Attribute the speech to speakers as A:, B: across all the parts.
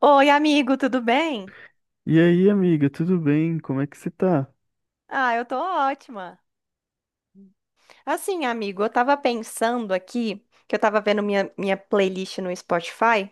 A: Oi, amigo, tudo bem?
B: E aí, amiga, tudo bem? Como é que você tá?
A: Ah, eu tô ótima. Assim, amigo, eu tava pensando aqui, que eu tava vendo minha playlist no Spotify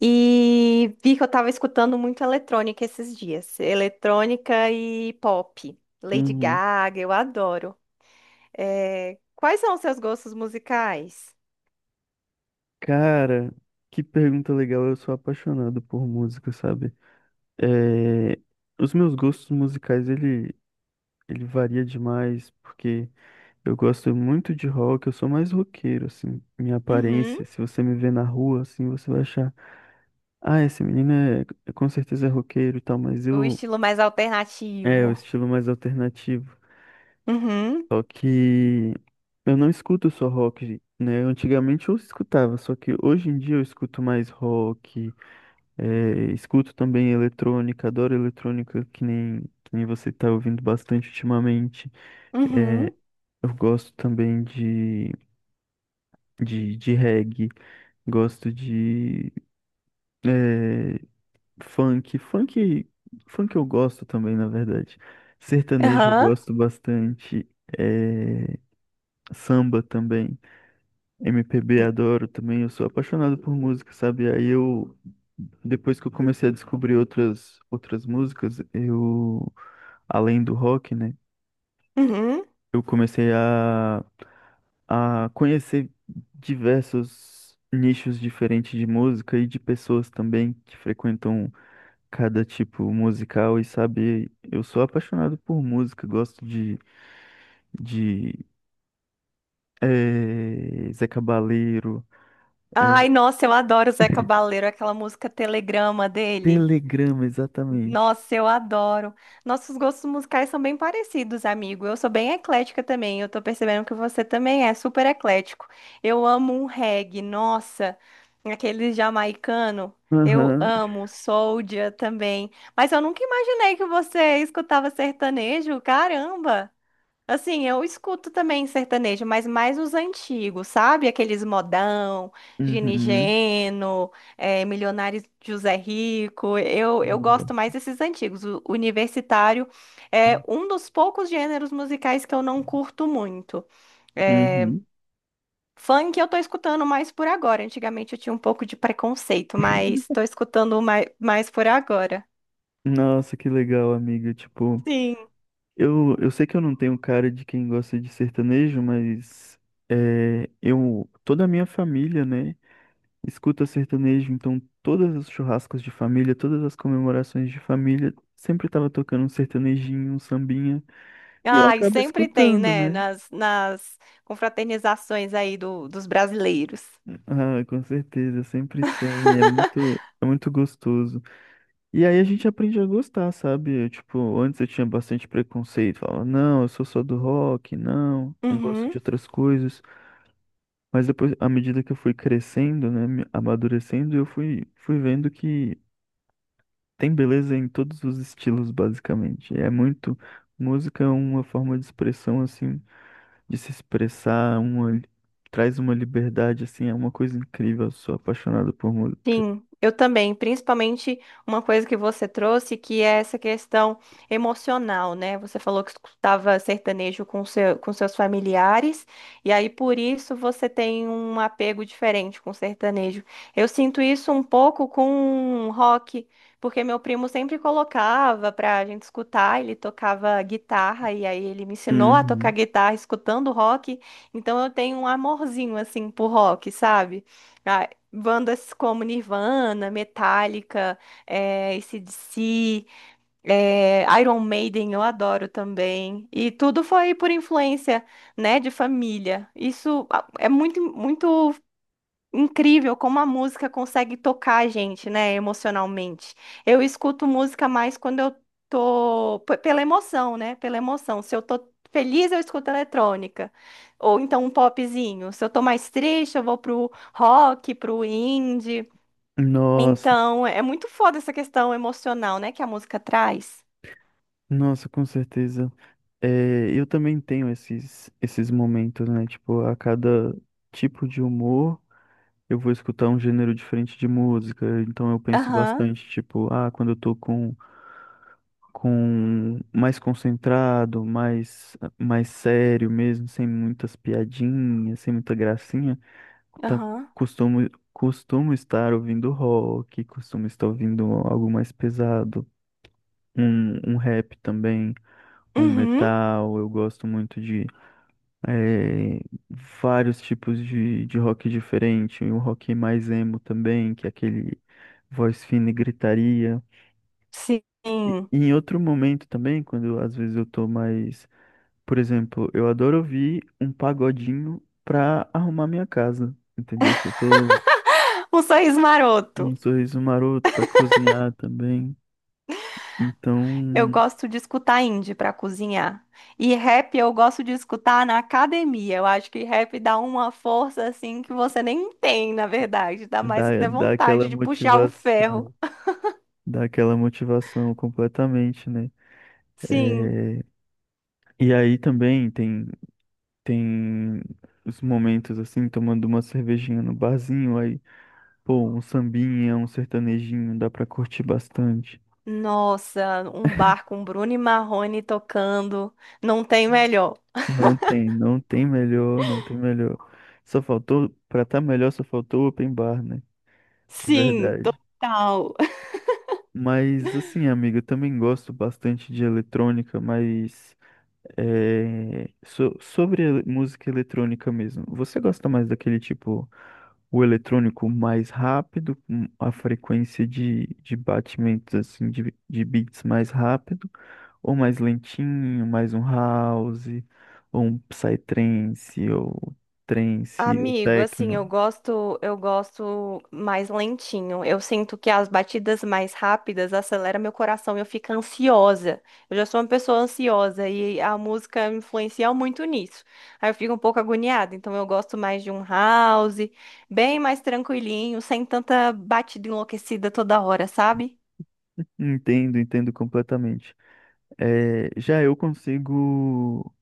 A: e vi que eu tava escutando muito eletrônica esses dias. Eletrônica e pop. Lady
B: Uhum.
A: Gaga, eu adoro. É, quais são os seus gostos musicais?
B: Cara, que pergunta legal. Eu sou apaixonado por música, sabe? É, Os meus gostos musicais, ele varia demais, porque eu gosto muito de rock, eu sou mais roqueiro, assim. Minha
A: Uhum.
B: aparência, se você me ver na rua, assim, você vai achar, ah, esse menino é... com certeza é roqueiro e tal, mas
A: O
B: eu...
A: estilo mais
B: É, o
A: alternativo.
B: estilo mais alternativo.
A: Uhum.
B: Só que eu não escuto só rock, né? Antigamente eu escutava, só que hoje em dia eu escuto mais rock, escuto também eletrônica, adoro eletrônica, que nem você tá ouvindo bastante ultimamente. Eh,
A: Uhum.
B: eu gosto também de reggae, gosto de eh, funk. Funk eu gosto também, na verdade. Sertanejo eu
A: Aham.
B: gosto bastante, eh, samba também. MPB adoro também, eu sou apaixonado por música, sabe? Depois que eu comecei a descobrir outras músicas, eu, além do rock, né?
A: Uhum.
B: Eu comecei a conhecer diversos nichos diferentes de música e de pessoas também que frequentam cada tipo musical e sabe, eu sou apaixonado por música, gosto de Zé Cabaleiro, eh,
A: Ai, nossa, eu adoro o Zeca Baleiro, aquela música Telegrama dele.
B: Telegrama, exatamente.
A: Nossa, eu adoro. Nossos gostos musicais são bem parecidos, amigo. Eu sou bem eclética também. Eu tô percebendo que você também é super eclético. Eu amo um reggae, nossa, aquele jamaicano. Eu
B: Aham.
A: amo Soulja também. Mas eu nunca imaginei que você escutava sertanejo. Caramba! Assim, eu escuto também sertanejo, mas mais os antigos, sabe? Aqueles modão, Gini
B: Uhum.
A: Geno, Milionário José Rico. Eu
B: Boa.
A: gosto mais desses antigos. O universitário é um dos poucos gêneros musicais que eu não curto muito. Eh,
B: Uhum.
A: funk eu tô escutando mais por agora. Antigamente eu tinha um pouco de preconceito, mas tô escutando mais por agora.
B: Nossa, que legal, amiga. Tipo,
A: Sim.
B: eu sei que eu não tenho cara de quem gosta de sertanejo, mas é, eu, toda a minha família, né, escuta sertanejo, então todos os churrascos de família, todas as comemorações de família, sempre tava tocando um sertanejinho, um sambinha, e eu
A: Ai,
B: acabo
A: sempre tem,
B: escutando,
A: né?
B: né?
A: Nas confraternizações aí dos brasileiros.
B: Ah, com certeza, sempre tem, é muito gostoso. E aí a gente aprende a gostar, sabe? Eu, tipo, antes eu tinha bastante preconceito, falava, não, eu sou só do rock, não, não gosto de
A: Uhum.
B: outras coisas. Mas depois, à medida que eu fui crescendo, né, me amadurecendo, fui vendo que tem beleza em todos os estilos, basicamente. É muito, música é uma forma de expressão, assim, de se expressar, uma, traz uma liberdade, assim, é uma coisa incrível. Eu sou apaixonado por música.
A: Sim, eu também, principalmente uma coisa que você trouxe, que é essa questão emocional, né? Você falou que escutava sertanejo com seus familiares, e aí por isso você tem um apego diferente com sertanejo. Eu sinto isso um pouco com rock, porque meu primo sempre colocava pra gente escutar, ele tocava guitarra, e aí ele me ensinou a tocar
B: Uhum.
A: guitarra escutando rock, então eu tenho um amorzinho assim por rock, sabe? Ah, bandas como Nirvana, Metallica, é, AC/DC, Iron Maiden, eu adoro também. E tudo foi por influência, né, de família. Isso ah, é muito, muito incrível como a música consegue tocar a gente, né, emocionalmente. Eu escuto música mais quando eu pela emoção, né, pela emoção. Se eu tô feliz, eu escuto eletrônica. Ou então um popzinho. Se eu tô mais triste, eu vou pro rock, pro indie.
B: Nossa.
A: Então, é muito foda essa questão emocional, né, que a música traz.
B: Nossa, com certeza. É, eu também tenho esses momentos, né? Tipo, a cada tipo de humor, eu vou escutar um gênero diferente de música. Então eu penso
A: Aham,
B: bastante, tipo, ah, quando eu tô com mais concentrado, mais, mais sério mesmo, sem muitas piadinhas, sem muita gracinha, tá-
A: aham.
B: costumo estar ouvindo rock, costumo estar ouvindo algo mais pesado, um rap também um
A: Uhum,
B: metal, eu gosto muito de eh, vários tipos de rock diferente, um rock mais emo também, que é aquele voz fina e gritaria.
A: sim.
B: E em outro momento também, quando às vezes eu tô mais, por exemplo, eu adoro ouvir um pagodinho pra arrumar minha casa, entendeu? Se eu tô
A: Um sorriso
B: em um
A: maroto.
B: sorriso maroto pra cozinhar também,
A: Eu
B: então
A: gosto de escutar indie pra cozinhar. E rap eu gosto de escutar na academia. Eu acho que rap dá uma força assim que você nem tem, na verdade. Dá mais
B: dá,
A: até
B: dá aquela
A: vontade de puxar o ferro.
B: motivação, dá aquela motivação completamente, né?
A: Sim.
B: É, e aí também tem os momentos assim, tomando uma cervejinha no barzinho, aí, pô, um sambinha, um sertanejinho, dá pra curtir bastante.
A: Nossa, um bar com Bruno e Marrone tocando. Não tem melhor.
B: Não tem melhor, não tem melhor. Só faltou, pra tá melhor, só faltou o open bar, né? De
A: Sim,
B: verdade.
A: total.
B: Mas assim, amiga, eu também gosto bastante de eletrônica, mas é, sobre música eletrônica mesmo. Você gosta mais daquele tipo, o eletrônico mais rápido, com a frequência de batimentos assim de beats mais rápido, ou mais lentinho, mais um house, ou um psytrance, ou trance, ou
A: Amigo, assim,
B: techno.
A: eu gosto mais lentinho. Eu sinto que as batidas mais rápidas aceleram meu coração e eu fico ansiosa. Eu já sou uma pessoa ansiosa e a música influencia muito nisso. Aí eu fico um pouco agoniada, então eu gosto mais de um house, bem mais tranquilinho, sem tanta batida enlouquecida toda hora, sabe?
B: Entendo, entendo completamente. É, já eu consigo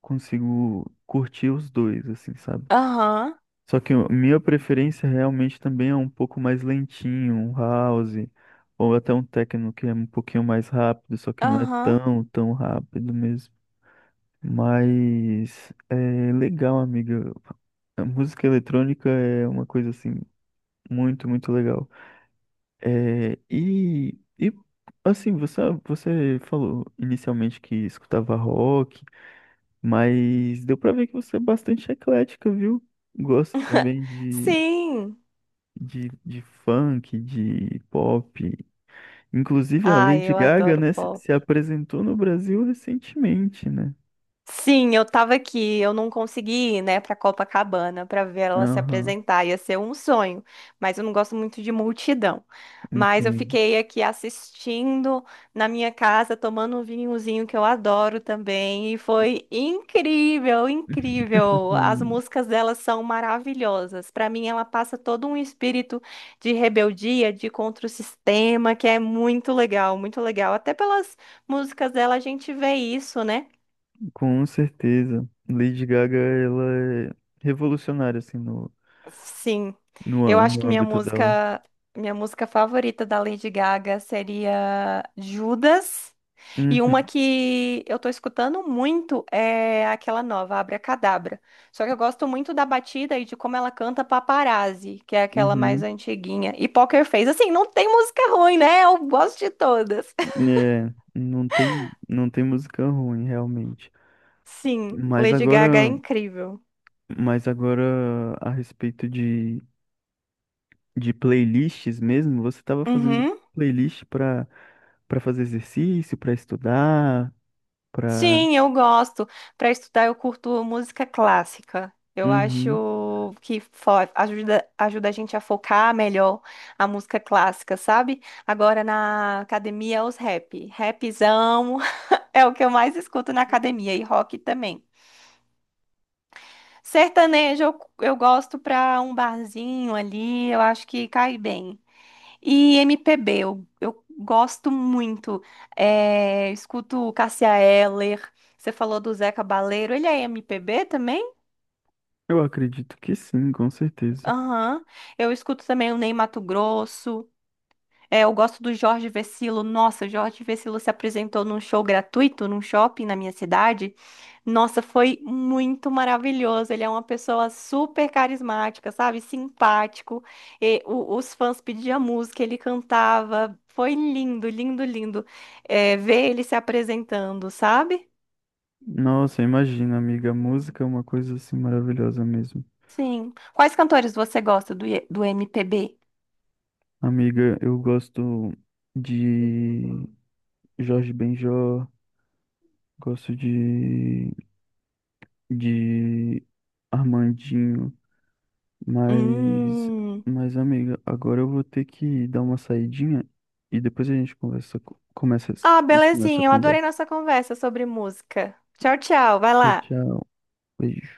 B: consigo curtir os dois, assim, sabe?
A: Aham,
B: Só que minha preferência realmente também é um pouco mais lentinho, um house, ou até um techno que é um pouquinho mais rápido, só que não é
A: aham.
B: tão, tão rápido mesmo. Mas é legal, amiga. A música eletrônica é uma coisa assim muito, muito legal. É, e assim, você falou inicialmente que escutava rock, mas deu pra ver que você é bastante eclética, viu? Gosta também de
A: Sim.
B: de funk, de pop. Inclusive a
A: Ai,
B: Lady
A: eu
B: Gaga,
A: adoro
B: né,
A: pop.
B: se apresentou no Brasil recentemente, né?
A: Sim, eu tava aqui, eu não consegui ir, né, pra Copacabana pra ver ela se
B: Aham,
A: apresentar, ia ser um sonho, mas eu não gosto muito de multidão. Mas eu
B: entendo.
A: fiquei aqui assistindo na minha casa, tomando um vinhozinho que eu adoro também, e foi incrível, incrível. As
B: Hum,
A: músicas dela são maravilhosas. Pra mim, ela passa todo um espírito de rebeldia, de contra o sistema, que é muito legal, muito legal. Até pelas músicas dela a gente vê isso, né?
B: Com certeza. Lady Gaga, ela é revolucionária, assim, no,
A: Sim,
B: no,
A: eu acho
B: no
A: que
B: âmbito dela.
A: minha música favorita da Lady Gaga seria Judas. E uma
B: Uhum,
A: que eu tô escutando muito é aquela nova, Abracadabra. Só que eu gosto muito da batida e de como ela canta Paparazzi, que é aquela mais
B: uhum.
A: antiguinha. E Poker Face, assim, não tem música ruim, né? Eu gosto de todas.
B: É, não tem, não tem música ruim, realmente.
A: Sim,
B: Mas
A: Lady Gaga é
B: agora,
A: incrível.
B: mas agora a respeito de playlists mesmo? Você estava fazendo
A: Uhum.
B: playlist para para fazer exercício, para estudar, para
A: Sim, eu gosto. Para estudar, eu curto música clássica. Eu
B: Uhum.
A: acho que ajuda a gente a focar melhor a música clássica, sabe? Agora na academia, é os rap. Rapzão é o que eu mais escuto na academia e rock também. Sertanejo eu gosto pra um barzinho ali, eu acho que cai bem. E MPB, eu gosto muito. É, escuto Cássia Eller. Você falou do Zeca Baleiro. Ele é MPB também?
B: Eu acredito que sim, com certeza.
A: Aham. Eu escuto também o Ney Matogrosso. É, eu gosto do Jorge Vercillo. Nossa, Jorge Vercillo se apresentou num show gratuito, num shopping na minha cidade. Nossa, foi muito maravilhoso. Ele é uma pessoa super carismática, sabe? Simpático. Os fãs pediam música, ele cantava. Foi lindo, lindo, lindo, é, ver ele se apresentando, sabe?
B: Nossa, imagina, amiga, a música é uma coisa assim maravilhosa mesmo.
A: Sim. Quais cantores você gosta do MPB?
B: Amiga, eu gosto de Jorge Benjor, gosto de Armandinho. Mas,
A: Hum.
B: mas amiga, agora eu vou ter que dar uma saidinha e depois a gente conversa, começa,
A: Ah,
B: continua essa
A: belezinha. Eu adorei
B: conversa.
A: nossa conversa sobre música. Tchau, tchau. Vai
B: Tchau,
A: lá.
B: tchau. Beijo.